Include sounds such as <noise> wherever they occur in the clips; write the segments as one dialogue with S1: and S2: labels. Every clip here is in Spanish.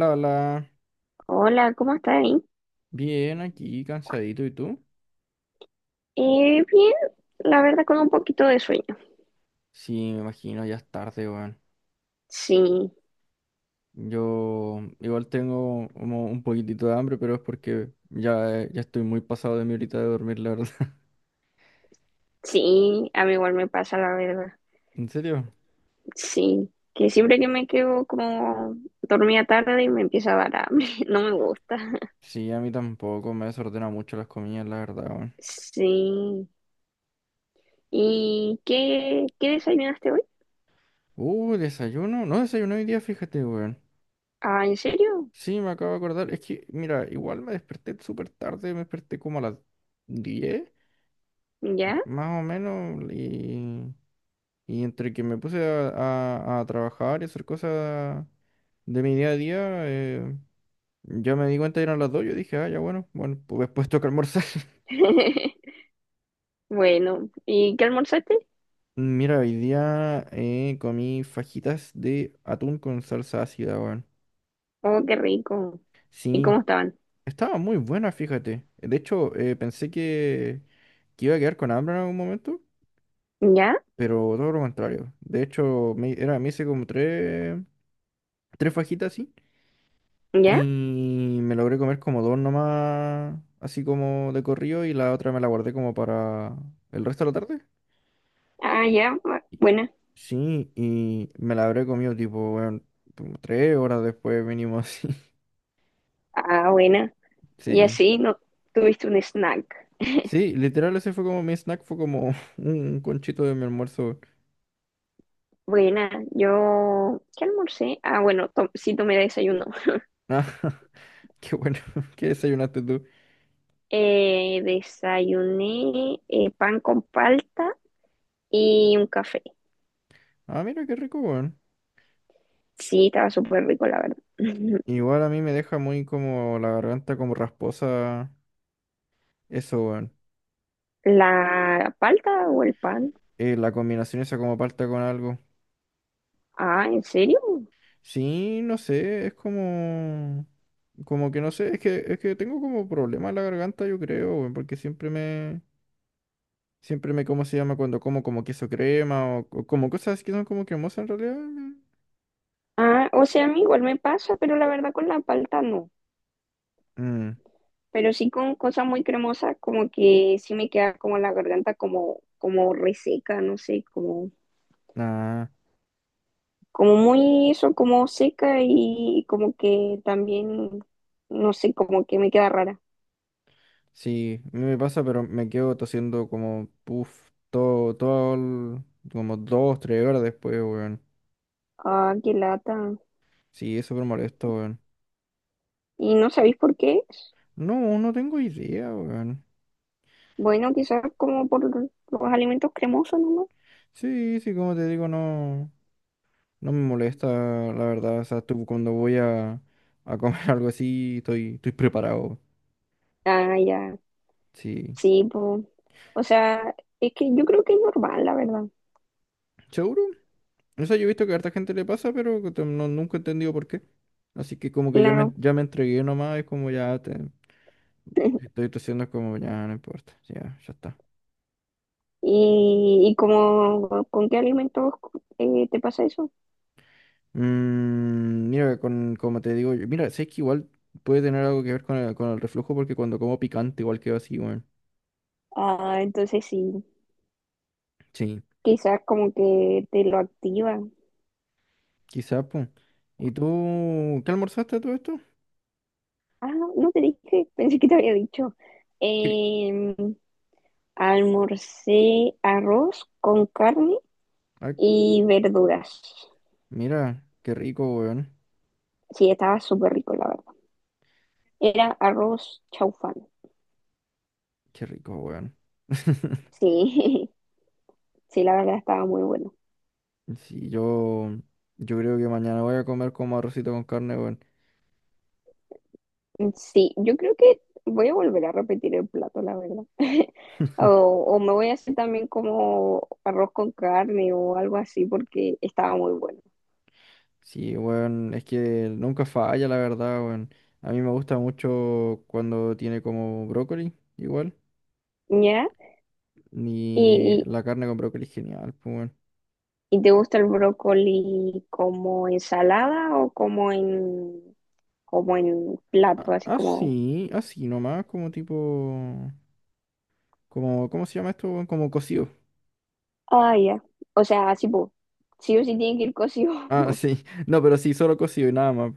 S1: La, la,
S2: Hola, ¿cómo estás ahí?
S1: bien aquí, cansadito, ¿y tú?
S2: Bien, la verdad con un poquito de sueño.
S1: Sí, me imagino, ya es tarde, weón.
S2: Sí,
S1: Yo igual tengo como un poquitito de hambre, pero es porque ya, ya estoy muy pasado de mi horita de dormir, la verdad. <laughs>
S2: sí, a mí igual me pasa la verdad.
S1: ¿En serio?
S2: Sí, que siempre que me quedo como dormida tarde y me empieza a dar hambre, <laughs> no me gusta.
S1: Sí, a mí tampoco me desordena mucho las comidas, la verdad, weón.
S2: Sí. ¿Y qué desayunaste hoy?
S1: Desayuno. No desayuno hoy día, fíjate, weón.
S2: Ah, ¿en serio?
S1: Sí, me acabo de acordar. Es que, mira, igual me desperté súper tarde, me desperté como a las 10,
S2: ¿Ya?
S1: más o menos, Y entre que me puse a trabajar y hacer cosas de mi día a día, ya me di cuenta eran las dos. Yo dije, ah, ya bueno, pues después toca almorzar.
S2: <laughs> Bueno, ¿y qué almorzaste?
S1: <laughs> Mira, hoy día comí fajitas de atún con salsa ácida, weón.
S2: Oh, qué rico. ¿Y
S1: Sí,
S2: cómo estaban?
S1: estaba muy buena, fíjate. De hecho, pensé que iba a quedar con hambre en algún momento,
S2: ¿Ya?
S1: pero todo lo contrario. De hecho, me hice como tres fajitas así. Y
S2: ¿Ya?
S1: me logré comer como dos nomás, así como de corrido, y la otra me la guardé como para el resto de la tarde.
S2: Ah, ya,
S1: Y-
S2: buena.
S1: Sí, y me la habré comido tipo, bueno, como tres horas después mínimo así. <laughs>
S2: Ah, buena. Y
S1: Sí.
S2: así no tuviste un snack.
S1: Sí, literal ese fue como mi snack, fue como <laughs> un conchito de mi almuerzo. <laughs>
S2: Buena, yo, ¿qué almorcé? Ah, bueno, sí tomé desayuno.
S1: Ah, qué bueno, <laughs> ¿qué desayunaste tú?
S2: Desayuné pan con palta y un café.
S1: Ah, mira, qué rico, weón.
S2: Sí, estaba súper rico, la verdad. <laughs>
S1: Igual a mí me deja muy como la garganta como rasposa, eso, weón.
S2: ¿La palta o el pan?
S1: La combinación esa como palta con algo.
S2: Ah, ¿en serio?
S1: Sí, no sé, es como... Como que no sé, es que tengo como problema en la garganta, yo creo, weón, porque siempre me... Siempre me, ¿cómo se llama? Cuando como como queso crema o como cosas que son como cremosas en realidad.
S2: Ah, o sea, a mí igual me pasa, pero la verdad con la palta no.
S1: Mm,
S2: Pero sí con cosas muy cremosas, como que sí me queda como la garganta como, como reseca, no sé, como
S1: ah,
S2: como muy eso, como seca y como que también, no sé, como que me queda rara.
S1: sí, a mí me pasa, pero me quedo tosiendo como, puff, todo, como dos, tres horas después, weón.
S2: Ah, qué lata.
S1: Sí, es súper molesto, weón.
S2: ¿Y no sabéis por qué es?
S1: No, no tengo idea, weón.
S2: Bueno, quizás como por los alimentos cremosos nomás.
S1: Sí, sí, como te digo, no. No me molesta, la verdad. O sea, tú, cuando voy a comer <laughs> algo así, estoy preparado.
S2: Ah, ya,
S1: Sí.
S2: sí, pues. O sea, es que yo creo que es normal, la verdad,
S1: ¿Seguro? O sea, yo he visto que a harta gente le pasa, pero que no, nunca he entendido por qué. Así que como que
S2: claro.
S1: ya me entregué nomás, es como ya te,
S2: <laughs>
S1: estoy tosiendo, es como ya no importa. Ya, ya está.
S2: ¿Y, y como con qué alimentos te pasa eso?
S1: Mm, mira, con, como te digo, mira, sé que igual puede tener algo que ver con el reflujo, porque cuando como picante igual quedo así, weón.
S2: Ah, entonces sí,
S1: Sí,
S2: quizás como que te lo activa.
S1: quizás, pues. ¿Y tú qué almorzaste a todo esto?
S2: Ah, no te dije, pensé que te había dicho. Em, almorcé arroz con carne
S1: Cri-
S2: y verduras.
S1: Mira, qué rico, weón.
S2: Sí, estaba súper rico, la verdad. Era arroz chaufán.
S1: Qué rico, weón. <laughs>
S2: Sí, <laughs> sí, la verdad estaba muy bueno.
S1: Sí, yo creo que mañana voy a comer como arrocito con carne, weón.
S2: Sí, yo creo que voy a volver a repetir el plato, la verdad. <laughs> O, o me voy a hacer también como arroz con carne o algo así porque estaba muy bueno.
S1: Sí, weón, es que nunca falla, la verdad, weón. A mí me gusta mucho cuando tiene como brócoli, igual.
S2: ¿Ya?
S1: Ni
S2: Y.
S1: la carne con brócoli es genial, pues, weón.
S2: ¿Y te gusta el brócoli como ensalada o como en, como en
S1: A-
S2: plato, así como,
S1: Así, así nomás, como tipo... Como, ¿cómo se llama esto, weón? Como cocido.
S2: ah, ya. O sea, así, pues, sí o sí tiene que ir cocido.
S1: Ah,
S2: <laughs>
S1: sí. <laughs> No, pero sí, solo cocido y nada más.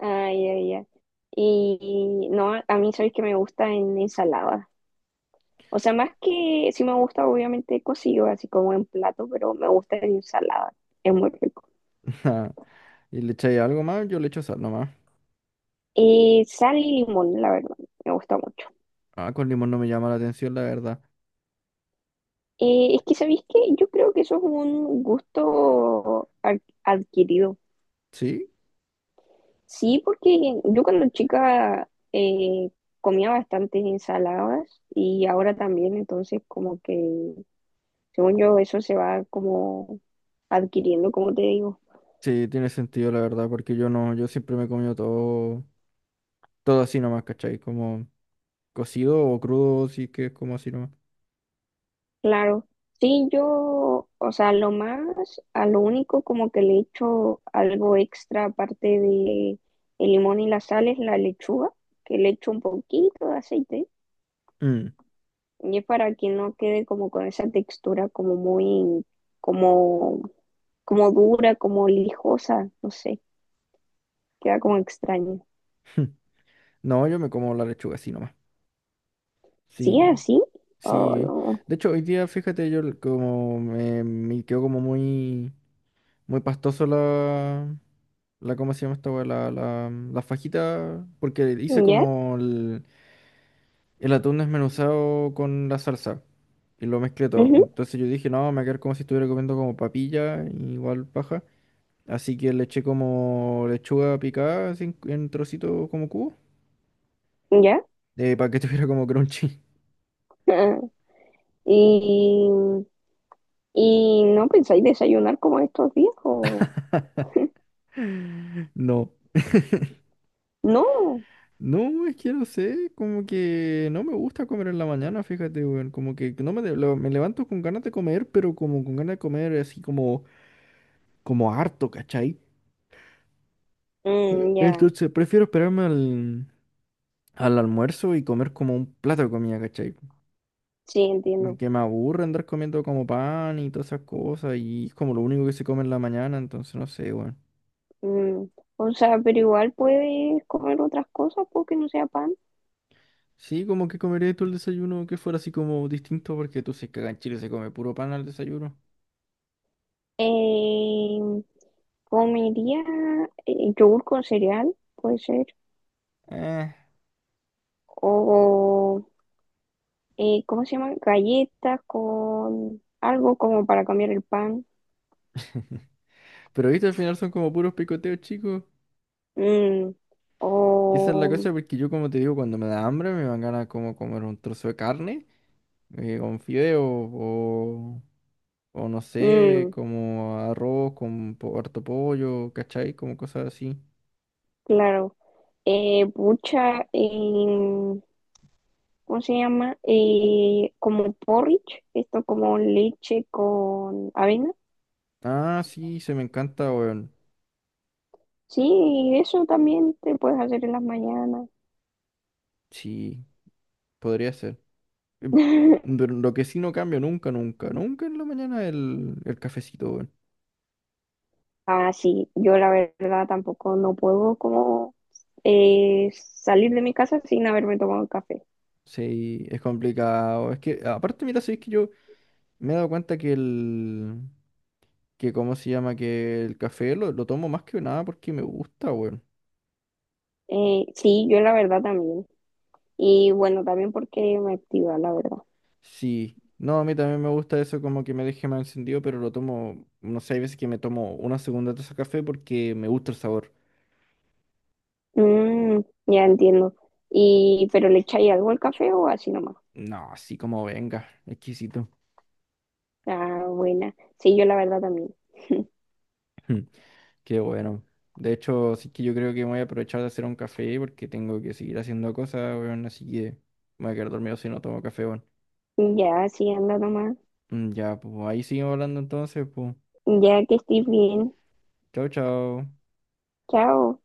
S2: Ay, ya ya. Y no, a mí sabes que me gusta en ensalada. O sea, más que sí me gusta obviamente cocido, así como en plato, pero me gusta en ensalada. Es muy rico.
S1: <laughs> Ajá. Y le echáis algo más, yo le echo sal nomás.
S2: Y sal y limón, la verdad, me gusta mucho.
S1: Ah, con limón no me llama la atención, la verdad.
S2: Es que, ¿sabéis qué? Yo creo que eso es un gusto adquirido.
S1: Sí,
S2: Sí, porque yo cuando chica comía bastantes ensaladas y ahora también, entonces como que, según yo, eso se va como adquiriendo, como te digo.
S1: sí, tiene sentido, la verdad, porque yo no, yo siempre me he comido todo, todo así nomás, ¿cachai? Como cocido o crudo, sí que es como así nomás.
S2: Claro, sí, yo, o sea, lo más, a lo único como que le echo algo extra aparte de el limón y la sal es la lechuga, que le echo un poquito de aceite
S1: Mm.
S2: y es para que no quede como con esa textura como muy, como como dura, como lijosa, no sé, queda como extraño.
S1: <laughs> No, yo me como la lechuga así nomás.
S2: ¿Sí?
S1: Sí,
S2: ¿Así?
S1: sí.
S2: Oh,
S1: De hecho, hoy día, fíjate, como me quedó como muy, muy pastoso ¿cómo se llama esta weá? La fajita, porque hice
S2: no. ¿Ya?
S1: como el atún desmenuzado con la salsa y lo mezclé todo.
S2: Ujú.
S1: Entonces yo dije, no, me va a quedar como si estuviera comiendo como papilla, igual paja. Así que le eché como lechuga picada así en trocitos como cubo,
S2: ¿Ya? <laughs>
S1: para que <laughs> estuviera como crunchy.
S2: Ah, ¿y, y no pensáis desayunar como estos días?
S1: <laughs> No.
S2: No.
S1: No, es que no sé, como que no me gusta comer en la mañana, fíjate, weón, como que no me levanto con ganas de comer, pero como con ganas de comer así como, como harto, ¿cachai?
S2: Mm, ya,
S1: Entonces prefiero esperarme al, al almuerzo y comer como un plato de comida, ¿cachai?
S2: sí, entiendo.
S1: Porque me aburre andar comiendo como pan y todas esas cosas y es como lo único que se come en la mañana, entonces no sé, weón.
S2: Mm, o sea, pero igual puedes comer otras cosas porque no sea pan.
S1: Sí, como que comería tú el desayuno que fuera así como distinto porque tú sabes que acá en Chile se come puro pan al desayuno.
S2: Eh, comería yogur con cereal, puede ser,
S1: Eh.
S2: o ¿cómo se llama? Galletas con algo como para cambiar el pan.
S1: <laughs> Pero viste, al final son como puros picoteos, chicos.
S2: Mm,
S1: Y esa es la
S2: o,
S1: cosa porque yo, como te digo, cuando me da hambre me van ganas como comer un trozo de carne. Con fideo o no sé,
S2: mm,
S1: como arroz con harto pollo, ¿cachai? Como cosas así.
S2: claro, pucha, ¿cómo se llama? Como porridge, esto como leche con avena.
S1: Ah, sí, se me encanta, weón.
S2: Sí, eso también te puedes hacer en las mañanas.
S1: Sí, podría ser. Em,
S2: <laughs>
S1: pero lo que sí no cambio nunca, nunca, nunca en la mañana el cafecito, weón.
S2: Ah, sí, yo la verdad tampoco no puedo como salir de mi casa sin haberme tomado un café.
S1: Sí, es complicado. Es que, aparte, mira, sí, que yo me he dado cuenta que cómo se llama, que el café lo tomo más que nada porque me gusta, weón.
S2: Sí, yo la verdad también. Y bueno, también porque me activa, la verdad.
S1: Sí, no, a mí también me gusta eso como que me deje más encendido, pero lo tomo, no sé, hay veces que me tomo una segunda taza de café porque me gusta el sabor.
S2: Mm, ya entiendo. Y, pero ¿le echáis algo al café o así nomás?
S1: No, así como venga, exquisito.
S2: Ah, buena. Sí, yo la verdad también.
S1: <laughs> Mm, qué bueno. De hecho, sí que yo creo que me voy a aprovechar de hacer un café porque tengo que seguir haciendo cosas, weón, así que me voy a quedar dormido si no tomo café, weón.
S2: Ya, sí, anda nomás.
S1: Mm, ya, pues ahí seguimos hablando entonces, pues.
S2: Ya que estés bien.
S1: Chao, chao.
S2: Chao.